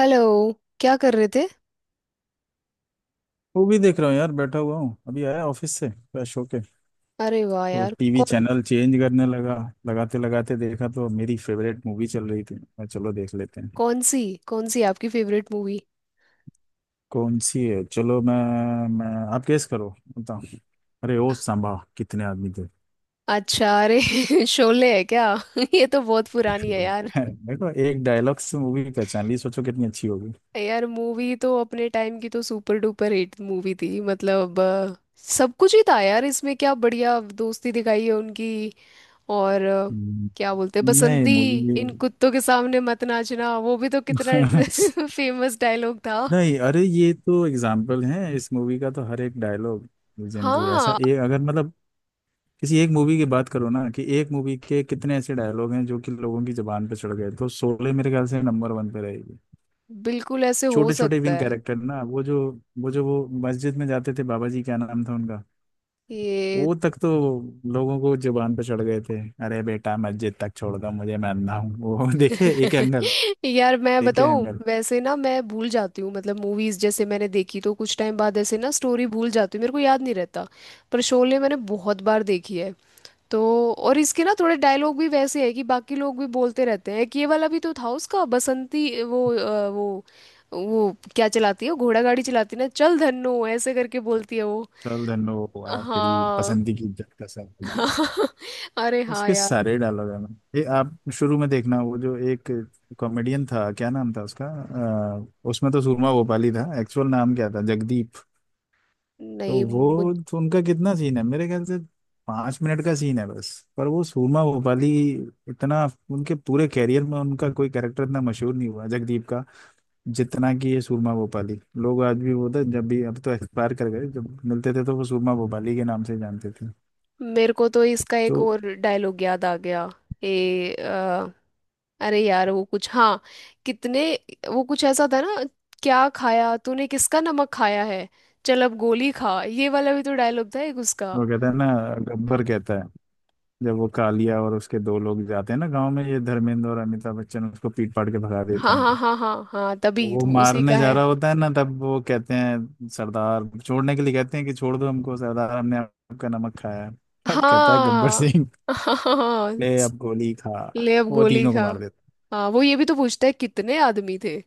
Hello. क्या कर रहे थे? मूवी देख रहा हूँ यार, बैठा हुआ हूँ। अभी आया ऑफिस से फ्रेश होके अरे वाह तो यार, टीवी कौन? चैनल चेंज करने लगा। लगाते लगाते देखा तो मेरी फेवरेट मूवी चल रही थी। मैं, चलो देख लेते हैं। कौन सी कौन सी आपकी फेवरेट मूवी? कौन सी है, चलो मैं आप गेस करो बताओ। अरे ओ सांबा, कितने आदमी थे। अच्छा, अरे शोले है क्या? ये तो बहुत पुरानी है यार। है, देखो एक डायलॉग से मूवी पहचान ली, सोचो कितनी अच्छी होगी। यार, मूवी तो अपने टाइम की तो सुपर डुपर हिट मूवी थी, मतलब सब कुछ ही था यार इसमें। क्या बढ़िया दोस्ती दिखाई है उनकी। और हम्म, क्या बोलते हैं, नहीं बसंती। मूवी। इन कुत्तों के सामने मत नाचना, वो भी तो कितना फेमस डायलॉग था। नहीं अरे ये तो एग्जाम्पल है, इस मूवी का तो हर एक डायलॉग लेजेंडरी, ऐसा हाँ, एक अगर मतलब किसी एक मूवी की बात करो ना कि एक मूवी के कितने ऐसे डायलॉग हैं जो कि लोगों की जुबान पे चढ़ गए, तो शोले मेरे ख्याल से नंबर वन पे रहेगी। बिल्कुल ऐसे हो छोटे छोटे सकता विन है कैरेक्टर ना, वो जो वो मस्जिद में जाते थे, बाबा जी क्या नाम था उनका, ये। वो तक तो लोगों को जुबान पे चढ़ गए थे। अरे बेटा मस्जिद तक छोड़ दो मुझे, मैं अंधा हूँ वो। देखे एक एंगल, यार, मैं देखे बताऊं एंगल। वैसे ना, मैं भूल जाती हूँ, मतलब मूवीज जैसे मैंने देखी तो कुछ टाइम बाद ऐसे ना स्टोरी भूल जाती हूँ, मेरे को याद नहीं रहता। पर शोले मैंने बहुत बार देखी है, तो और इसके ना थोड़े डायलॉग भी वैसे है कि बाकी लोग भी बोलते रहते हैं कि ये वाला भी तो था उसका। बसंती वो क्या चलाती है, वो घोड़ा गाड़ी चलाती है ना, चल धन्नो ऐसे करके बोलती है वो। चल धन्नो, आ तेरी हाँ, पसंद की इज्जत का सर। हाँ। अरे हाँ उसके यार। सारे डायलॉग है ना। ये आप शुरू में देखना, वो जो एक कॉमेडियन था, क्या नाम था उसका, उसमें तो सूरमा भोपाली था, एक्चुअल नाम क्या था, जगदीप। तो नहीं, वो तो उनका कितना सीन है मेरे ख्याल से, 5 मिनट का सीन है बस। पर वो सूरमा भोपाली इतना, उनके पूरे कैरियर में उनका कोई कैरेक्टर इतना मशहूर नहीं हुआ जगदीप का जितना कि ये सूरमा भोपाली। लोग आज भी वो था, जब भी, अब तो एक्सपायर कर गए, जब मिलते थे तो वो सूरमा भोपाली के नाम से जानते थे। मेरे को तो इसका एक तो और डायलॉग याद आ गया। ए अरे यार, वो कुछ, हाँ, कितने, वो कुछ ऐसा था ना, क्या खाया तूने, किसका नमक खाया है, चल अब गोली खा। ये वाला भी तो डायलॉग था एक उसका। वो कहता है ना, गब्बर कहता है, जब वो कालिया और उसके दो लोग जाते हैं ना गांव में, ये धर्मेंद्र और अमिताभ बच्चन उसको पीट पाट के भगा देते हाँ, हाँ, हैं, हाँ, हाँ, हाँ, तो तभी वो तो उसी का मारने जा है। रहा होता है ना, तब वो कहते हैं सरदार, छोड़ने के लिए कहते हैं कि छोड़ दो हमको सरदार, हमने आपका नमक खाया है। अब कहता है गब्बर हाँ, सिंह, हाँ, ले अब गोली खा। ले अब वो गोली तीनों को खा। मार देता हाँ, वो ये भी तो पूछता है कितने आदमी थे,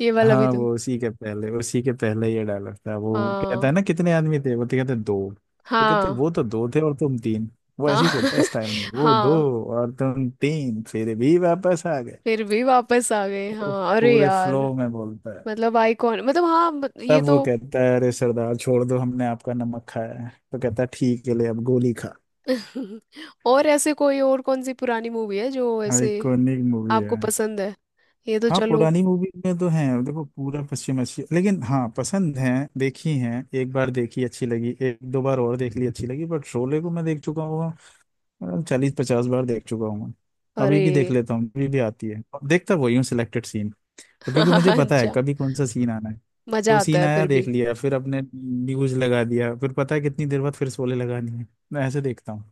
ये है। वाला भी हाँ तो। वो उसी के पहले ये डायलॉग था। वो कहता हाँ, है ना कितने आदमी थे, वो तो कहते हैं, दो। तो कहते हैं, हाँ, वो तो दो थे और तुम तीन। वो हाँ, ऐसे ही बोलता है स्टाइल में, वो दो हाँ, और तुम तीन, फिर भी वापस आ गए। फिर भी वापस आ गए, उस हाँ, अरे पूरे यार, फ्लो में बोलता है। मतलब आइकॉन, मतलब हाँ, ये तब वो तो कहता है अरे सरदार छोड़ दो हमने आपका नमक खाया है, तो कहता है ठीक है, ले अब गोली खा। और ऐसे कोई और कौन सी पुरानी मूवी है जो ऐसे आइकॉनिक मूवी है। आपको पसंद है? ये तो हाँ, चलो। पुरानी मूवी में तो है देखो पूरा पश्चिम अच्छी, लेकिन हाँ पसंद है। देखी है, एक बार देखी अच्छी लगी, एक दो बार और देख ली अच्छी लगी, बट शोले को मैं देख चुका हूँ। 40 50 बार देख चुका हूँ। अभी अरे, भी देख लेता हूँ, अभी भी आती है। देखता वही हूँ, सिलेक्टेड सीन, क्योंकि मुझे पता है अच्छा, कभी कौन सा सीन आना है। तो मजा आता सीन है आया फिर देख भी। लिया, फिर अपने न्यूज लगा दिया, फिर पता है कितनी देर बाद फिर शोले लगानी है। मैं ऐसे देखता हूँ।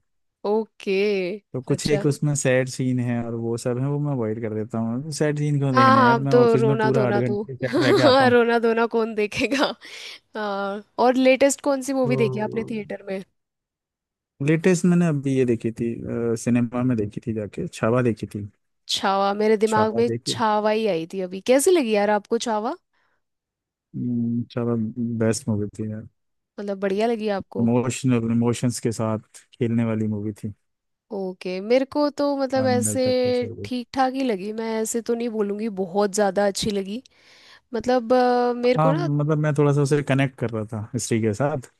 ओके। तो कुछ अच्छा, एक उसमें सैड सीन है और वो सब है वो मैं अवॉइड कर देता हूँ। सैड सीन क्यों हाँ, देखने हैं हाँ, यार, अब मैं तो ऑफिस में रोना पूरा आठ धोना तो घंटे सैड रह के आता हूँ। रोना धोना कौन देखेगा। हाँ, और लेटेस्ट कौन सी मूवी देखी आपने हम्म। थिएटर में? लेटेस्ट मैंने अभी ये देखी थी, सिनेमा में देखी थी, जाके छावा देखी थी। छावा, मेरे दिमाग छावा में देखी है? छावा ही आई थी अभी। कैसी लगी यार आपको छावा? छावा बेस्ट मूवी थी यार। मतलब बढ़िया लगी आपको? इमोशनल, इमोशंस के साथ खेलने वाली मूवी थी। ओके। मेरे को तो मतलब अंदर ऐसे तक का फेवरेट। ठीक ठाक ही लगी, मैं ऐसे तो नहीं बोलूँगी बहुत ज़्यादा अच्छी लगी। मतलब मेरे को हाँ ना मतलब मैं थोड़ा सा उसे कनेक्ट कर रहा था हिस्ट्री के साथ,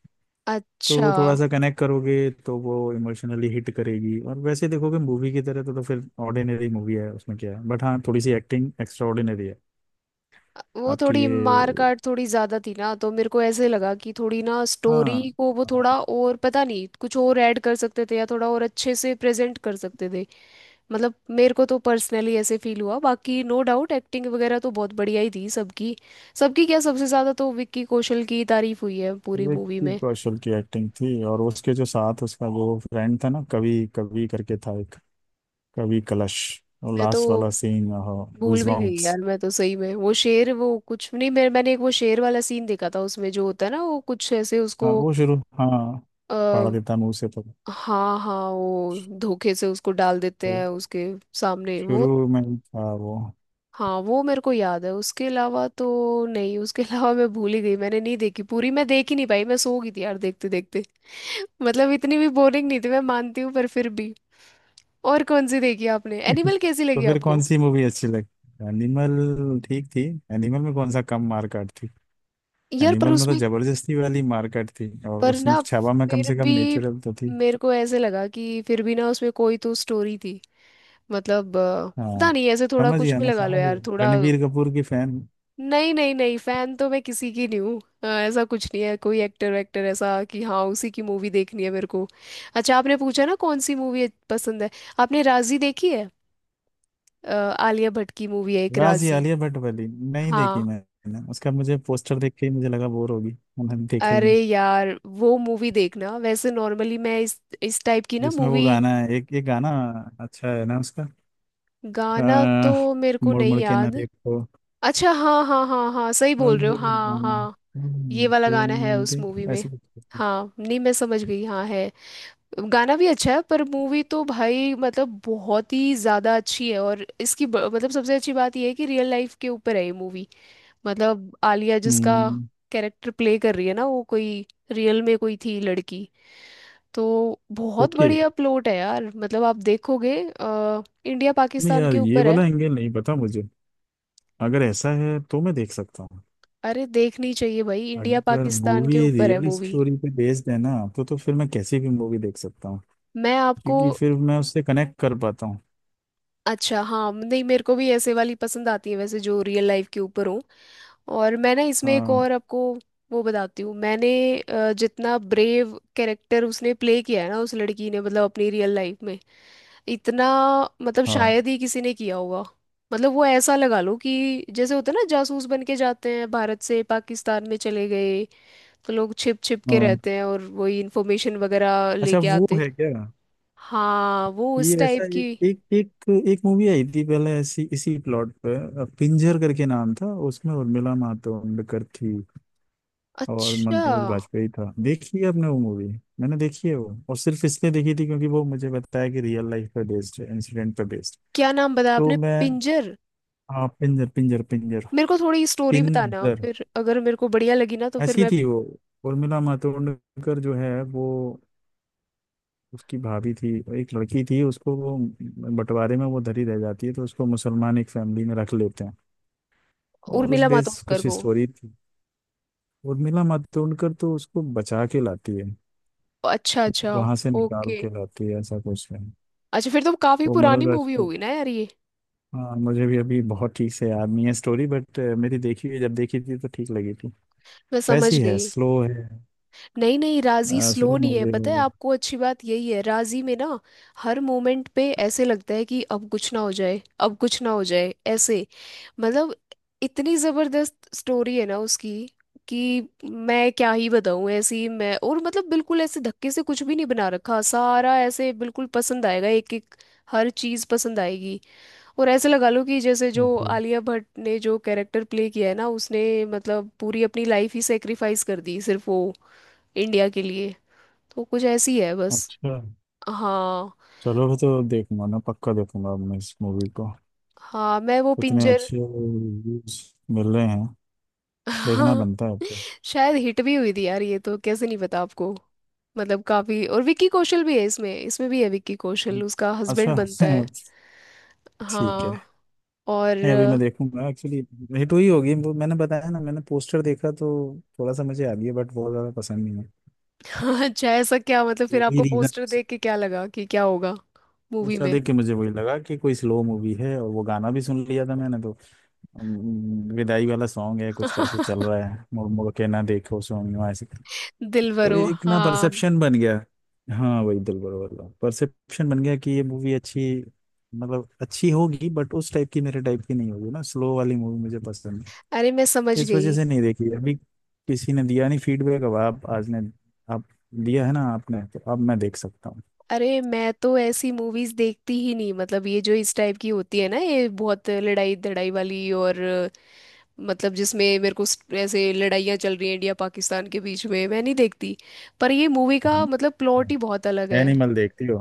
अच्छा। तो थोड़ा सा कनेक्ट करोगे तो वो इमोशनली हिट करेगी, और वैसे देखोगे मूवी की तरह तो फिर ऑर्डिनरी मूवी है, उसमें क्या है, बट हाँ थोड़ी सी एक्टिंग एक्स्ट्रा ऑर्डिनरी है। वो आपकी थोड़ी ये, मार काट थोड़ी ज़्यादा थी ना, तो मेरे को ऐसे लगा कि थोड़ी ना हाँ। स्टोरी को वो हाँ, थोड़ा और पता नहीं कुछ और ऐड कर सकते थे, या थोड़ा और अच्छे से प्रेजेंट कर सकते थे। मतलब मेरे को तो पर्सनली ऐसे फील हुआ, बाकी नो डाउट एक्टिंग वगैरह तो बहुत बढ़िया ही थी सबकी। सबकी क्या, सबसे ज़्यादा तो विक्की कौशल की तारीफ हुई है पूरी मूवी विक्की में। कौशल की एक्टिंग थी और उसके जो साथ उसका वो फ्रेंड था ना, कवि कवि करके था एक, कवि कलश, और मैं तो लास्ट वाला सीन, भूल भी गई गूजबम्प्स। यार, मैं तो सही में वो शेर वो कुछ नहीं, मैंने एक वो शेर वाला सीन देखा था, उसमें जो होता है ना वो कुछ ऐसे हाँ उसको वो शुरू, हाँ फाड़ आ, देता मुंह से तो हाँ, हाँ, वो धोखे से उसको डाल देते तो हैं उसके सामने वो। शुरू में ही था वो। हाँ, वो मेरे को याद है उसके अलावा तो। नहीं, उसके अलावा मैं भूल ही गई, मैंने नहीं देखी पूरी, मैं देख ही नहीं पाई, मैं सो गई थी यार देखते देखते। मतलब इतनी भी बोरिंग नहीं थी, मैं मानती हूँ, पर फिर भी। और कौन सी देखी आपने? एनिमल कैसी तो लगी फिर कौन आपको? सी मूवी अच्छी लगी, एनिमल ठीक थी। एनिमल में कौन सा कम मारकाट थी, यार पर एनिमल में तो उसमें, जबरदस्ती वाली मारकाट थी, और पर उसमें ना, छावा में कम फिर से कम भी नेचुरल तो थी। मेरे को ऐसे लगा कि फिर भी ना उसमें कोई तो स्टोरी थी। मतलब पता हाँ, नहीं, ऐसे थोड़ा समझ कुछ गया, भी मैं लगा लो समझ यार गया, थोड़ा। रणबीर कपूर की फैन। नहीं, नहीं, नहीं, फैन तो मैं किसी की नहीं हूँ, ऐसा कुछ नहीं है कोई एक्टर वेक्टर, ऐसा कि हाँ उसी की मूवी देखनी है मेरे को। अच्छा, आपने पूछा ना कौन सी मूवी पसंद है? आपने राजी देखी है? आलिया भट्ट की मूवी है एक राजी राजी। आलिया भट्ट वाली नहीं देखी हाँ, मैंने, उसका मुझे पोस्टर देख के ही मुझे लगा बोर होगी, मैंने देखा ही अरे नहीं। यार वो मूवी देखना वैसे, नॉर्मली मैं इस टाइप की ना जिसमें वो मूवी। गाना है, एक एक गाना अच्छा है ना उसका, गाना तो आ, मेरे को मुड़ नहीं मुड़ के ना याद। देखो। अच्छा, हाँ, हाँ, हाँ, हाँ, सही और बोल रहे हो, ये हाँ, गाना, हाँ। मुड़ ये मुड़ वाला के गाना है ना उस मूवी देखो में? ऐसे कुछ। हाँ, नहीं, मैं समझ गई, हाँ है। गाना भी अच्छा है, पर मूवी तो भाई, मतलब बहुत ही ज़्यादा अच्छी है। और इसकी मतलब सबसे अच्छी बात यह है कि रियल लाइफ के ऊपर है ये मूवी। मतलब आलिया जिसका हम्म। कैरेक्टर प्ले कर रही है ना, वो कोई रियल में कोई थी लड़की। तो बहुत ओके। बढ़िया प्लॉट है यार, मतलब आप देखोगे इंडिया नहीं पाकिस्तान यार, के ये ऊपर है। वाला एंगल नहीं पता मुझे, अगर ऐसा है तो मैं देख सकता हूँ। अरे, देखनी चाहिए भाई, इंडिया अगर पाकिस्तान मूवी के ऊपर है रियल मूवी। स्टोरी पे बेस्ड है ना, तो फिर मैं कैसी भी मूवी देख सकता हूँ, मैं आपको... क्योंकि फिर मैं उससे कनेक्ट कर पाता हूँ। अच्छा, हाँ, नहीं, मेरे को भी ऐसे वाली पसंद आती है वैसे जो रियल लाइफ के ऊपर हो। और मैं ना इसमें एक हाँ। और आपको वो बताती हूँ। मैंने जितना ब्रेव कैरेक्टर उसने प्ले किया है ना उस लड़की ने, मतलब अपनी रियल लाइफ में, इतना मतलब हाँ। शायद ही किसी ने किया होगा। मतलब वो ऐसा लगा लो कि जैसे होता है ना जासूस बन के जाते हैं, भारत से पाकिस्तान में चले गए, तो लोग छिप छिप के हाँ रहते हैं और वही इंफॉर्मेशन वगैरह अच्छा लेके वो आते। है क्या? हाँ, वो उस ये टाइप ऐसा एक की। एक एक एक मूवी आई थी पहले ऐसी, इसी प्लॉट पे, पिंजर करके नाम था, उसमें उर्मिला मातोंडकर थी और अच्छा, मनोज वाजपेयी था। देखी है आपने वो मूवी? मैंने देखी है वो, और सिर्फ इसलिए देखी थी क्योंकि वो मुझे बताया कि रियल लाइफ पे बेस्ड है, इंसिडेंट पे बेस्ड। क्या नाम बताया तो आपने? मैं, पिंजर? हाँ, पिंजर, पिंजर, पिंजर, मेरे को थोड़ी स्टोरी बताना पिंजर। फिर, अगर मेरे को बढ़िया लगी ना तो फिर ऐसी मैं। थी वो, उर्मिला मातोंडकर जो है वो, उसकी भाभी थी एक लड़की थी, उसको वो बंटवारे में वो धरी रह जाती है, तो उसको मुसलमान एक फैमिली में रख लेते हैं, और उस उर्मिला बेस मातोंडकर कुछ को? स्टोरी थी। उर्मिला मातोंडकर तो उसको बचा के लाती है, अच्छा, अच्छा, वहां से निकाल ओके। के लाती है, ऐसा कुछ है। अच्छा, फिर तो काफी वो पुरानी मरुन मूवी राजपूत, होगी ना यार ये। हाँ मुझे भी अभी बहुत ठीक से याद नहीं है स्टोरी, बट मेरी देखी हुई जब देखी थी तो ठीक लगी थी। मैं समझ वैसी है, गई। स्लो है, नहीं, नहीं, राजी स्लो स्लो नहीं है, मूवी पता है है बट। आपको अच्छी बात यही है राजी में ना, हर मोमेंट पे ऐसे लगता है कि अब कुछ ना हो जाए, अब कुछ ना हो जाए ऐसे, मतलब इतनी जबरदस्त स्टोरी है ना उसकी कि मैं क्या ही बताऊं ऐसी मैं। और मतलब बिल्कुल ऐसे धक्के से कुछ भी नहीं बना रखा, सारा ऐसे बिल्कुल पसंद आएगा एक एक हर चीज पसंद आएगी। और ऐसे लगा लो कि जैसे जो ओके। आलिया भट्ट ने जो कैरेक्टर प्ले किया है ना उसने, मतलब पूरी अपनी लाइफ ही सेक्रीफाइस कर दी सिर्फ वो इंडिया के लिए। तो कुछ ऐसी है बस। अच्छा। हाँ। चलो फिर तो देखूंगा, ना पक्का देखूंगा अब मैं इस मूवी को, हाँ, मैं वो इतने पिंजर। अच्छे रिव्यूज मिल रहे हैं देखना हाँ, बनता है तो। शायद हिट भी हुई थी यार ये, तो कैसे नहीं पता आपको? मतलब काफी। और विक्की कौशल भी है इसमें। इसमें भी है विक्की कौशल, उसका हस्बैंड अच्छा। बनता है। ठीक हाँ। है। और नहीं अभी मैं देखूंगा एक्चुअली। हिट हुई होगी वो, मैंने बताया ना मैंने पोस्टर देखा तो थोड़ा सा मुझे आ गया बट बहुत ज़्यादा पसंद नहीं है। अच्छा, ऐसा क्या मतलब, ये फिर भी आपको रीजन, पोस्टर देख के क्या लगा कि क्या होगा मूवी उसका में? देख के मुझे वही लगा कि कोई स्लो मूवी है, और वो गाना भी सुन लिया था मैंने तो। विदाई वाला सॉन्ग है कुछ करके चल रहा है, मुड़ मुड़ के ना देखो सोनियो ऐसे करके। तो दिलवरो, एक ना हाँ। परसेप्शन बन गया, हाँ वही दिलबर वाला परसेप्शन बन गया कि ये मूवी अच्छी, मतलब अच्छी होगी बट उस टाइप की मेरे टाइप की नहीं होगी, ना स्लो वाली मूवी मुझे पसंद है। अरे, मैं समझ इस वजह गई। से नहीं देखी अभी, किसी ने दिया नहीं फीडबैक, अब आप आज ने, आप दिया है ना आपने, तो अब मैं देख सकता हूँ। अरे, मैं तो ऐसी मूवीज देखती ही नहीं, मतलब ये जो इस टाइप की होती है ना, ये बहुत लड़ाई धड़ाई वाली, और मतलब जिसमें मेरे को ऐसे लड़ाइयाँ चल रही हैं इंडिया पाकिस्तान के बीच में, मैं नहीं देखती। पर ये मूवी का मतलब प्लॉट ही बहुत अलग है। एनिमल देखती हो?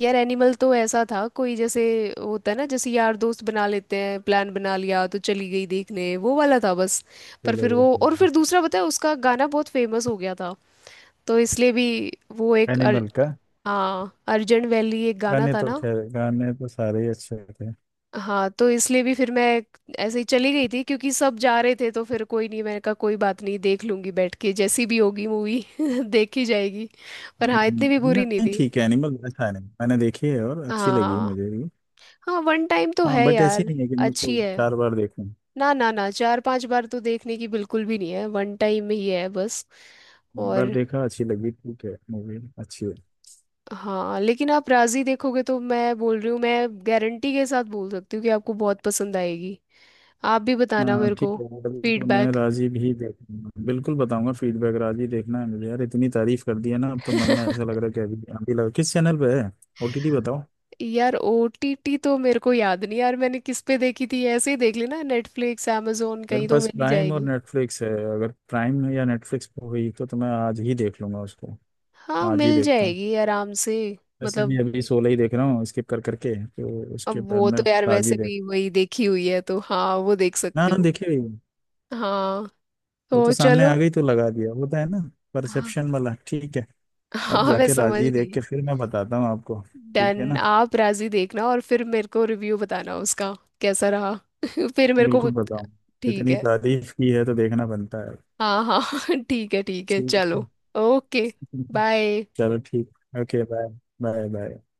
यार एनिमल तो ऐसा था, कोई जैसे होता है ना, जैसे यार दोस्त बना लेते हैं प्लान बना लिया तो चली गई देखने, वो वाला था बस। पर चलो फिर वो वो तो। और फिर दूसरा पता है उसका गाना बहुत फेमस हो गया था, तो इसलिए भी वो एक, एनिमल का हाँ अर्जेंट वैली एक गाना गाने था तो, ना, खैर गाने तो सारे ही अच्छे थे। हाँ तो इसलिए भी फिर मैं ऐसे ही चली गई थी क्योंकि सब जा रहे थे, तो फिर कोई नहीं, मैंने कहा कोई बात नहीं देख लूंगी बैठ के, जैसी भी होगी मूवी देखी जाएगी। पर हाँ, इतनी भी बुरी नहीं नहीं थी। ठीक है एनिमल, अच्छा एनिमल मैंने देखी है और अच्छी लगी हाँ, मुझे भी। हाँ, वन टाइम तो हाँ है बट ऐसी यार। नहीं है कि मैं उसको अच्छी है। 4 बार देखूं। ना, ना, ना, चार पांच बार तो देखने की बिल्कुल भी नहीं है, वन टाइम ही है बस। एक बार और देखा, अच्छी लगी, ठीक है, मूवी अच्छी है। हाँ, लेकिन आप राजी देखोगे तो मैं बोल रही हूँ, मैं गारंटी के साथ बोल सकती हूँ कि आपको बहुत पसंद आएगी। आप भी बताना हाँ मेरे ठीक को है यार, अभी तो मैं फीडबैक। राजी भी देखूंगा, बिल्कुल बताऊंगा फीडबैक। राजी देखना है मुझे यार, इतनी तारीफ कर दी है ना, अब तो मन में ऐसा लग रहा है कि अभी अभी लगा, किस चैनल पे है, ओटीटी बताओ। यार ओटीटी तो मेरे को याद नहीं यार, मैंने किस पे देखी थी ऐसे ही देख ली ना, नेटफ्लिक्स, amazon, मेरे कहीं तो पास मिल ही प्राइम और जाएगी। नेटफ्लिक्स है, अगर प्राइम या नेटफ्लिक्स पे हुई तो मैं आज ही देख लूंगा उसको। हाँ, आज ही मिल देखता हूँ। जाएगी आराम से वैसे भी मतलब। अभी 16 ही देख रहा हूँ स्किप कर करके, तो अब उसके बाद वो मैं तो यार राजी वैसे देख। भी वही देखी हुई है, तो हाँ वो देख सकते हाँ हो। देखी हुई हूँ। हाँ, वो तो तो सामने चलो। आ गई तो लगा दिया, होता है ना, हाँ, परसेप्शन वाला, ठीक है। अब हाँ, मैं जाके समझ राजी देख गई। के फिर मैं बताता हूँ आपको, ठीक है डन, ना, आप राजी देखना और फिर मेरे को रिव्यू बताना उसका कैसा रहा। फिर मेरे को बिल्कुल बताऊँ, ठीक इतनी है। तारीफ की है तो देखना बनता है। हाँ, हाँ, ठीक है, ठीक है, ठीक चलो, है। Okay, bye. चलो ठीक। Okay bye. Bye bye.